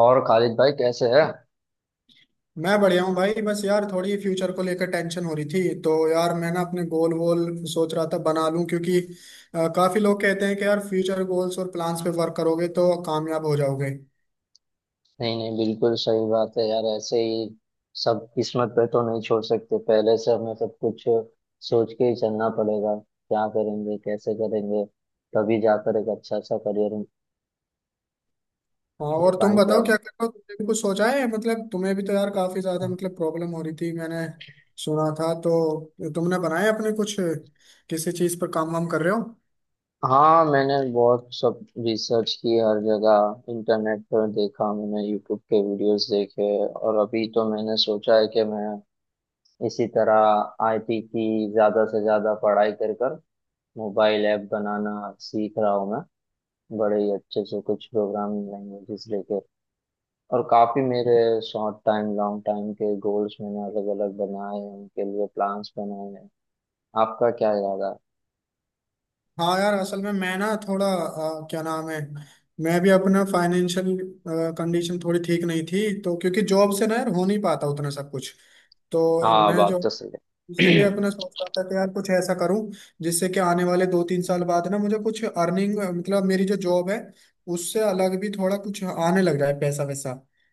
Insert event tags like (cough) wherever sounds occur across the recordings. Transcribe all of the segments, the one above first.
और खालिद भाई कैसे है। मैं बढ़िया हूँ भाई। बस यार थोड़ी फ्यूचर को लेकर टेंशन हो रही थी, तो यार मैं ना अपने गोल वोल सोच रहा था बना लूं क्योंकि काफी लोग कहते हैं कि यार फ्यूचर गोल्स और प्लान्स पे वर्क करोगे तो कामयाब हो जाओगे। नहीं नहीं, बिल्कुल सही बात है यार, ऐसे ही सब किस्मत पे तो नहीं छोड़ सकते। पहले से हमें सब कुछ सोच के ही चलना पड़ेगा, क्या करेंगे, कैसे करेंगे, तभी जाकर एक अच्छा सा करियर हाँ, दे और तुम पाएंगे बताओ हम। क्या कर रहे हो? तुमने भी कुछ सोचा है? मतलब तुम्हें भी तो यार काफी ज्यादा मतलब प्रॉब्लम हो रही थी, मैंने सुना था। तो तुमने बनाए अपने कुछ, किसी चीज पर काम वाम कर रहे हो? हाँ, मैंने बहुत सब रिसर्च की, हर जगह इंटरनेट पर देखा, मैंने यूट्यूब के वीडियोस देखे। और अभी तो मैंने सोचा है कि मैं इसी तरह आईटी की ज़्यादा से ज़्यादा पढ़ाई कर कर मोबाइल ऐप बनाना सीख रहा हूँ मैं, बड़े ही अच्छे से कुछ प्रोग्रामिंग लैंग्वेजेस लेके। और काफ़ी मेरे शॉर्ट टाइम लॉन्ग टाइम के गोल्स मैंने अलग अलग बनाए हैं, उनके लिए प्लान्स बनाए हैं। आपका क्या इरादा है? हाँ यार, असल में मैं ना थोड़ा क्या नाम है, मैं भी अपना फाइनेंशियल कंडीशन थोड़ी ठीक नहीं थी तो, क्योंकि जॉब से ना यार हो नहीं पाता उतना सब कुछ। तो हाँ, मैं बात जो तो सही है। इसीलिए (clears throat) अपना सोच रहा था कि यार कुछ ऐसा करूं जिससे कि आने वाले 2-3 साल बाद ना मुझे कुछ अर्निंग, मतलब मेरी जो जॉब है उससे अलग भी थोड़ा कुछ आने लग जाए पैसा वैसा।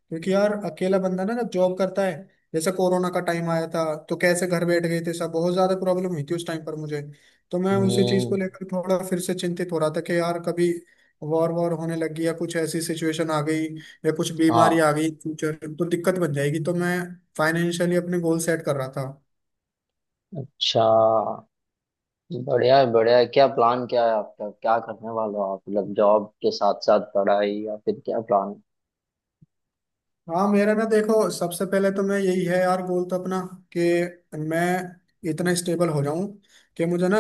क्योंकि यार अकेला बंदा ना जब जॉब करता है, जैसे कोरोना का टाइम आया था तो कैसे घर बैठ गए थे सब, बहुत ज्यादा प्रॉब्लम हुई थी उस टाइम पर मुझे। तो मैं उसी चीज को हम्म। लेकर थोड़ा फिर से चिंतित हो रहा था कि यार कभी वॉर वॉर होने लगी या कुछ ऐसी सिचुएशन आ गई या कुछ बीमारी हाँ। आ गई फ्यूचर, तो दिक्कत बन जाएगी। तो मैं फाइनेंशियली अपने गोल सेट कर रहा था। अच्छा। बढ़िया है, बढ़िया है। क्या प्लान क्या है आपका, क्या करने वाले हो आप? मतलब जॉब के साथ साथ पढ़ाई, या फिर क्या प्लान है? हाँ मेरा ना देखो, सबसे पहले तो मैं यही है यार, गोल तो अपना कि मैं इतना स्टेबल हो जाऊं कि मुझे ना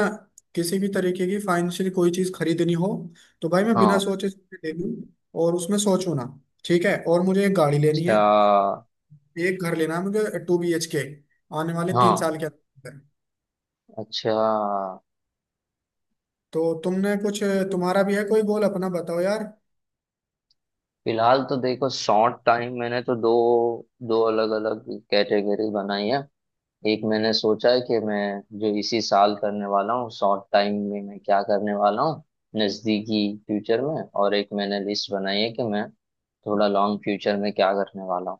किसी भी तरीके की फाइनेंशियली कोई चीज खरीदनी हो तो भाई मैं बिना हाँ। सोचे समझे ले लूं और उसमें सोचूं ना। ठीक है, और मुझे एक गाड़ी लेनी है, अच्छा। एक घर लेना है मुझे 2 BHK, आने वाले तीन हाँ। साल के अंदर। अच्छा। तो तुमने कुछ, तुम्हारा भी है कोई गोल? अपना बताओ यार। फिलहाल तो देखो, शॉर्ट टाइम मैंने तो दो दो अलग अलग कैटेगरी बनाई है। एक मैंने सोचा है कि मैं जो इसी साल करने वाला हूँ, शॉर्ट टाइम में मैं क्या करने वाला हूँ, नजदीकी फ्यूचर में। और एक मैंने लिस्ट बनाई है कि मैं थोड़ा लॉन्ग फ्यूचर में क्या करने वाला हूँ।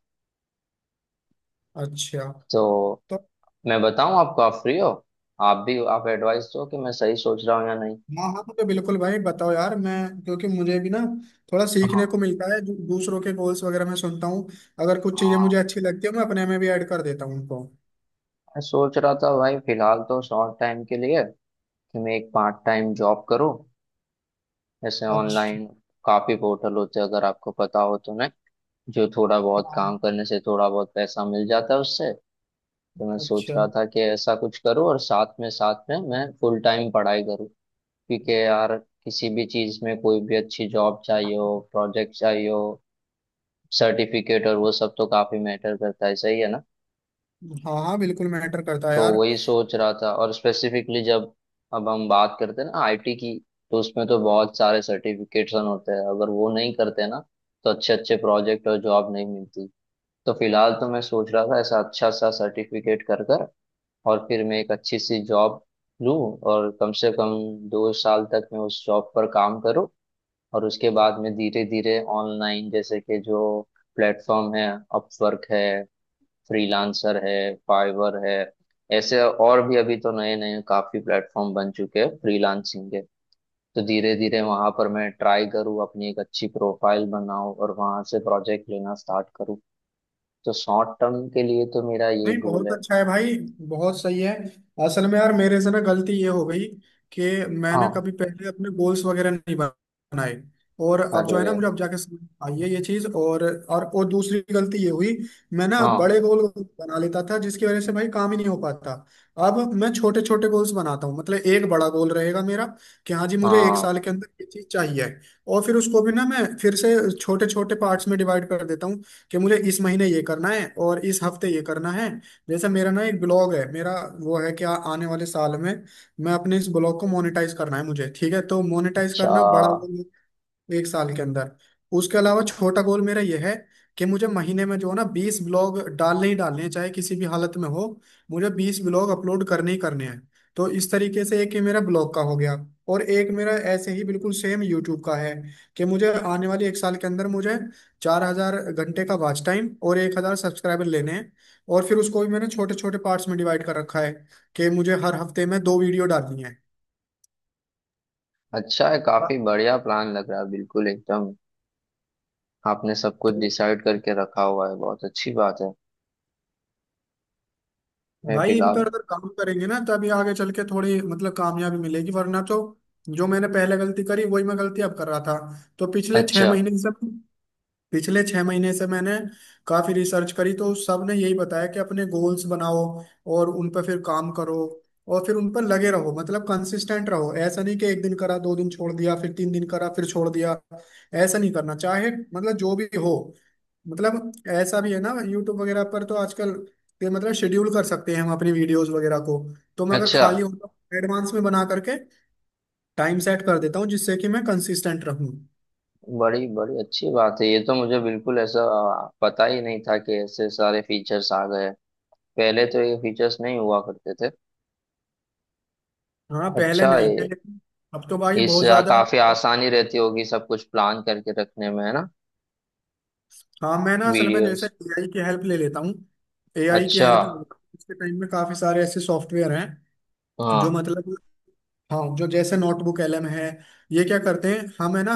अच्छा। तो तो मैं बताऊँ आपको, आप फ्री हो? आप भी आप एडवाइस दो कि मैं सही सोच रहा हूँ या नहीं। हाँ हाँ, तो बिल्कुल भाई, बताओ यार, मैं क्योंकि मुझे भी ना थोड़ा सीखने हाँ को मिलता है दूसरों के गोल्स वगैरह मैं सुनता हूँ। अगर कुछ चीजें मुझे हाँ। अच्छी लगती है मैं अपने में भी ऐड कर देता हूँ उनको। मैं सोच रहा था भाई, फिलहाल तो शॉर्ट टाइम के लिए कि मैं एक पार्ट टाइम जॉब करूँ, ऐसे अच्छा। ऑनलाइन। काफी पोर्टल होते हैं, अगर आपको पता हो तो, मैं जो थोड़ा बहुत हाँ। काम करने से थोड़ा बहुत पैसा मिल जाता है उससे। तो मैं सोच अच्छा। रहा था कि ऐसा कुछ करूँ, और साथ में मैं फुल टाइम पढ़ाई करूँ। क्योंकि यार किसी भी चीज में कोई भी अच्छी जॉब चाहिए हो, प्रोजेक्ट चाहिए हो, सर्टिफिकेट और वो सब तो काफी मैटर करता है, सही है ना। हाँ हाँ, बिल्कुल मैटर करता है तो यार। वही सोच रहा था। और स्पेसिफिकली जब अब हम बात करते हैं ना आईटी की, तो उसमें तो बहुत सारे सर्टिफिकेशन होते हैं, अगर वो नहीं करते ना तो अच्छे अच्छे प्रोजेक्ट और जॉब नहीं मिलती। तो फिलहाल तो मैं सोच रहा था ऐसा अच्छा सा सर्टिफिकेट कर कर, और फिर मैं एक अच्छी सी जॉब लूँ। और कम से कम 2 साल तक मैं उस जॉब पर काम करूँ। और उसके बाद में धीरे धीरे ऑनलाइन, जैसे कि जो प्लेटफॉर्म है, अपवर्क है, फ्रीलांसर है, फाइवर है, ऐसे और भी अभी तो नए नए काफी प्लेटफॉर्म बन चुके हैं फ्रीलांसिंग के। तो धीरे धीरे वहां पर मैं ट्राई करूँ, अपनी एक अच्छी प्रोफाइल बनाऊं, और वहां से प्रोजेक्ट लेना स्टार्ट करूँ। तो शॉर्ट टर्म के लिए तो मेरा ये नहीं, गोल बहुत है। अच्छा है भाई, बहुत सही है। असल में यार मेरे से ना गलती ये हो गई कि मैंने हाँ। कभी पहले अपने गोल्स वगैरह नहीं बनाए। और अब जो है ना, अरे। मुझे अब जाके समझ आई है ये चीज। और दूसरी गलती ये हुई, मैं ना हाँ बड़े गोल बना लेता था जिसकी वजह से भाई काम ही नहीं हो पाता। अब मैं छोटे छोटे गोल्स बनाता हूँ, मतलब एक बड़ा गोल रहेगा मेरा कि हाँ जी, मुझे एक हाँ। साल के अंदर ये चीज चाहिए। और फिर उसको भी ना मैं फिर से छोटे छोटे पार्ट्स में डिवाइड कर देता हूँ, कि मुझे इस महीने ये करना है और इस हफ्ते ये करना है। जैसे मेरा ना एक ब्लॉग है मेरा, वो है कि आने वाले साल में मैं अपने इस ब्लॉग को मोनेटाइज करना है मुझे। ठीक है, तो मोनेटाइज अच्छा। करना बड़ा, एक साल के अंदर। उसके अलावा छोटा गोल मेरा यह है कि मुझे महीने में जो है ना 20 ब्लॉग डालने ही डालने हैं, चाहे किसी भी हालत में हो, मुझे 20 ब्लॉग अपलोड करने ही करने हैं। तो इस तरीके से एक ये मेरा ब्लॉग का हो गया। और एक मेरा ऐसे ही बिल्कुल सेम यूट्यूब का है, कि मुझे आने वाले एक साल के अंदर मुझे 4,000 घंटे का वॉच टाइम और 1,000 सब्सक्राइबर लेने हैं। और फिर उसको भी मैंने छोटे छोटे पार्ट्स में डिवाइड कर रखा है कि मुझे हर हफ्ते में 2 वीडियो डालनी है। अच्छा है, वाह। काफी बढ़िया प्लान लग रहा है, बिल्कुल एकदम। आपने सब कुछ तो डिसाइड करके रखा हुआ है, बहुत अच्छी बात है। मैं भाई इन फिलहाल। पर अगर काम करेंगे ना तभी आगे चल के थोड़ी मतलब कामयाबी मिलेगी, वरना तो जो मैंने पहले गलती करी वही मैं गलती अब कर रहा था। तो पिछले छह अच्छा। महीने से मैंने काफी रिसर्च करी, तो सब ने यही बताया कि अपने गोल्स बनाओ और उन पर फिर काम करो और फिर उन पर लगे रहो, मतलब कंसिस्टेंट रहो। ऐसा नहीं कि 1 दिन करा, 2 दिन छोड़ दिया, फिर 3 दिन करा फिर छोड़ दिया। ऐसा नहीं करना, चाहे मतलब जो भी हो मतलब। ऐसा भी है ना, यूट्यूब वगैरह पर तो आजकल ये, मतलब शेड्यूल कर सकते हैं हम अपनी वीडियोस वगैरह को। तो मैं अगर अच्छा। खाली होता, एडवांस में बना करके टाइम सेट कर देता हूँ जिससे कि मैं कंसिस्टेंट रहूँ। बड़ी बड़ी अच्छी बात है, ये तो मुझे बिल्कुल ऐसा पता ही नहीं था कि ऐसे सारे फीचर्स आ गए। पहले तो ये फीचर्स नहीं हुआ करते थे। हाँ पहले अच्छा, नहीं थे, ये लेकिन अब तो भाई इस बहुत ज्यादा। काफी आसानी रहती होगी सब कुछ प्लान करके रखने में, है ना। हाँ मैं ना असल में जैसे वीडियोस। एआई की हेल्प ले लेता हूँ, अच्छा। इसके टाइम में काफी सारे ऐसे सॉफ्टवेयर हैं जो हाँ। मतलब, हाँ जो जैसे नोटबुक एलएम है, ये क्या करते हैं हमें ना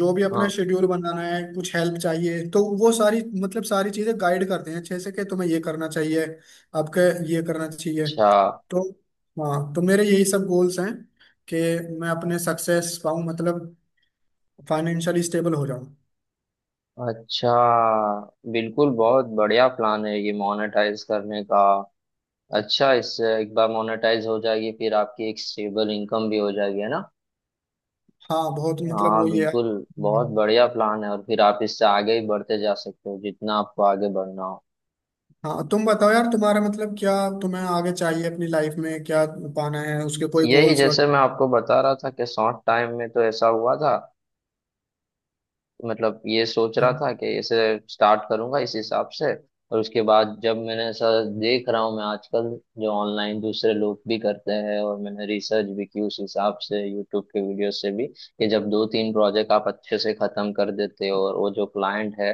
जो भी अपना हाँ। शेड्यूल बनाना है कुछ हेल्प चाहिए तो वो सारी, मतलब सारी चीजें गाइड करते हैं अच्छे से कि तुम्हें ये करना चाहिए, आपके ये करना चाहिए। अच्छा। तो हाँ, तो मेरे यही सब गोल्स हैं कि मैं अपने सक्सेस पाऊँ, मतलब फाइनेंशियली स्टेबल हो जाओ। अच्छा। बिल्कुल बहुत बढ़िया प्लान है ये मोनेटाइज करने का। अच्छा, इससे एक बार मोनेटाइज हो जाएगी फिर आपकी एक स्टेबल इनकम भी हो जाएगी, है ना। हाँ बहुत, मतलब वो हाँ, ये है। बिल्कुल, बहुत हम्म। बढ़िया प्लान है, और फिर आप इससे आगे ही बढ़ते जा सकते हो जितना आपको आगे बढ़ना हो। हाँ, तुम बताओ यार तुम्हारा, मतलब क्या तुम्हें आगे चाहिए अपनी लाइफ में, क्या पाना है? उसके कोई यही गोल्स जैसे वगैरह मैं आपको बता रहा था कि शॉर्ट टाइम में तो ऐसा हुआ था, मतलब ये सोच हैं? रहा था कि इसे स्टार्ट करूंगा इस हिसाब से। और उसके बाद जब मैंने ऐसा देख रहा हूँ मैं आजकल, जो ऑनलाइन दूसरे लोग भी करते हैं, और मैंने रिसर्च भी की उस हिसाब से यूट्यूब के वीडियो से भी, कि जब दो तीन प्रोजेक्ट आप अच्छे से खत्म कर देते हो, और वो जो क्लाइंट है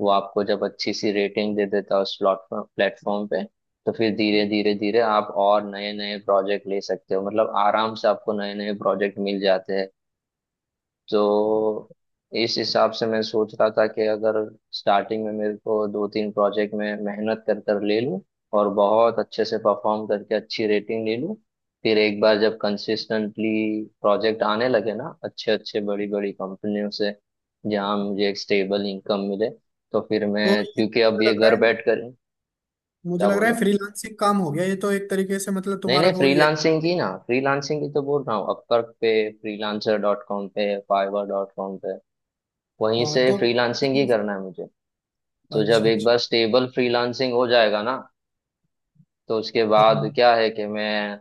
वो आपको जब अच्छी सी रेटिंग दे देता है उस प्लेटफॉर्म प्लेटफॉर्म पे, तो फिर धीरे धीरे धीरे आप और नए नए प्रोजेक्ट ले सकते हो, मतलब आराम से आपको नए नए प्रोजेक्ट मिल जाते हैं। तो इस हिसाब से मैं सोच रहा था कि अगर स्टार्टिंग में मेरे को दो तीन प्रोजेक्ट में मेहनत कर कर ले लूँ, और बहुत अच्छे से परफॉर्म करके अच्छी रेटिंग ले लूँ, फिर एक बार जब कंसिस्टेंटली प्रोजेक्ट आने लगे ना अच्छे अच्छे बड़ी बड़ी कंपनियों से, जहाँ मुझे एक स्टेबल इनकम मिले, तो फिर तो मैं, ये क्योंकि अब मुझे ये लग रहा घर है, बैठ कर। मुझे क्या लग बोल रहा रहे है हो? फ्रीलांसिंग काम हो गया ये तो, एक तरीके से मतलब नहीं तुम्हारा नहीं, गोल ये फ्रीलांसिंग है। की ना, फ्रीलांसिंग की तो बोल रहा हूँ, अपवर्क पे, फ्रीलांसर डॉट कॉम पे, फाइवर डॉट कॉम पे, वहीं हाँ से तो। फ्रीलांसिंग ही करना है मुझे। तो जब अच्छा एक अच्छा। बार स्टेबल फ्रीलांसिंग हो जाएगा ना, तो उसके बाद हाँ क्या है कि मैं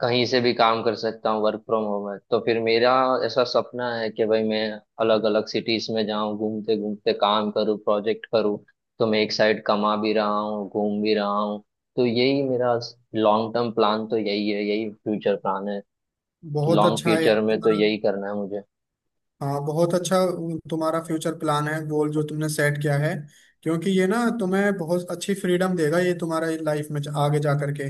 कहीं से भी काम कर सकता हूँ, वर्क फ्रॉम होम है, तो फिर मेरा ऐसा सपना है कि भाई मैं अलग अलग सिटीज में जाऊं, घूमते घूमते काम करूँ, प्रोजेक्ट करूँ, तो मैं एक साइड कमा भी रहा हूँ, घूम भी रहा हूँ। तो यही मेरा लॉन्ग टर्म प्लान तो यही है, यही फ्यूचर प्लान है, कि बहुत लॉन्ग अच्छा है यार फ्यूचर में तो तुम्हारा। यही करना है मुझे। हाँ बहुत अच्छा तुम्हारा फ्यूचर प्लान है, गोल जो तुमने सेट किया है। क्योंकि ये ना तुम्हें बहुत अच्छी फ्रीडम देगा, ये तुम्हारा लाइफ में आगे जा करके।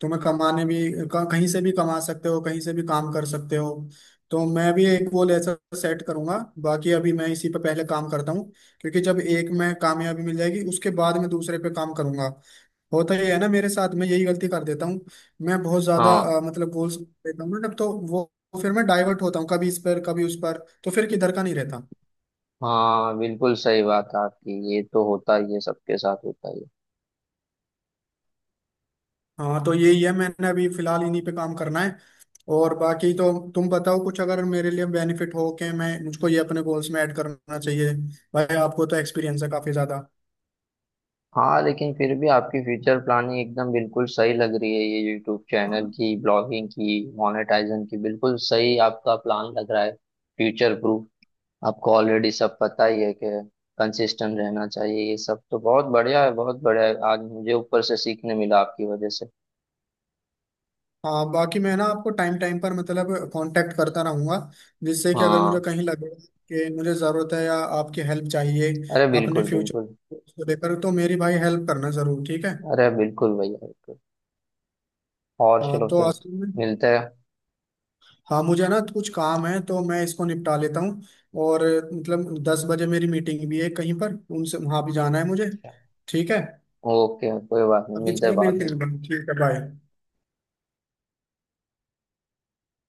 तुम्हें कमाने भी, कहीं से भी कमा सकते हो, कहीं से भी काम कर सकते हो। तो मैं भी एक गोल ऐसा सेट करूंगा, बाकी अभी मैं इसी पे पहले काम करता हूँ। क्योंकि जब एक में कामयाबी मिल जाएगी उसके बाद मैं दूसरे पे काम करूंगा। होता ही है ना मेरे साथ में, यही गलती कर देता हूँ, मैं बहुत ज्यादा हाँ। मतलब गोल्स देता हूँ ना, तब तो वो फिर मैं डाइवर्ट होता हूँ कभी इस पर कभी उस पर, तो फिर किधर का नहीं रहता। हाँ, बिल्कुल सही बात है आपकी, ये तो होता ही है, सबके साथ होता ही है। हाँ, तो यही है, मैंने अभी फिलहाल इन्हीं पे काम करना है। और बाकी तो तुम बताओ, कुछ अगर मेरे लिए बेनिफिट हो के मैं, मुझको ये अपने गोल्स में ऐड करना चाहिए। भाई आपको तो एक्सपीरियंस है काफी ज्यादा। हाँ, लेकिन फिर भी आपकी फ्यूचर प्लानिंग एकदम बिल्कुल सही लग रही है, ये यूट्यूब चैनल की, ब्लॉगिंग की, मोनेटाइजेशन की, बिल्कुल सही आपका प्लान लग रहा है, फ्यूचर प्रूफ। आपको ऑलरेडी सब पता ही है कि कंसिस्टेंट रहना चाहिए, ये सब तो बहुत बढ़िया है, बहुत बढ़िया है, आज मुझे ऊपर से सीखने मिला आपकी वजह से। हाँ, बाकी मैं ना आपको टाइम टाइम पर मतलब कांटेक्ट करता रहूंगा, जिससे कि अगर मुझे हाँ। कहीं लगे कि मुझे ज़रूरत है या आपकी हेल्प चाहिए अरे अपने बिल्कुल, फ्यूचर बिल्कुल। को लेकर, तो मेरी भाई हेल्प करना ज़रूर। ठीक है? अरे बिल्कुल भैया, बिल्कुल। और हाँ चलो तो फिर, असल में, मिलते हैं। हाँ मुझे ना कुछ काम है तो मैं इसको निपटा लेता हूँ। और मतलब 10 बजे मेरी मीटिंग भी है कहीं पर उनसे, वहाँ भी जाना है मुझे। ठीक है? ओके, कोई बात नहीं, अभी मिलते हैं चलो बाद मिलते में। हैं, ठीक है, बाय।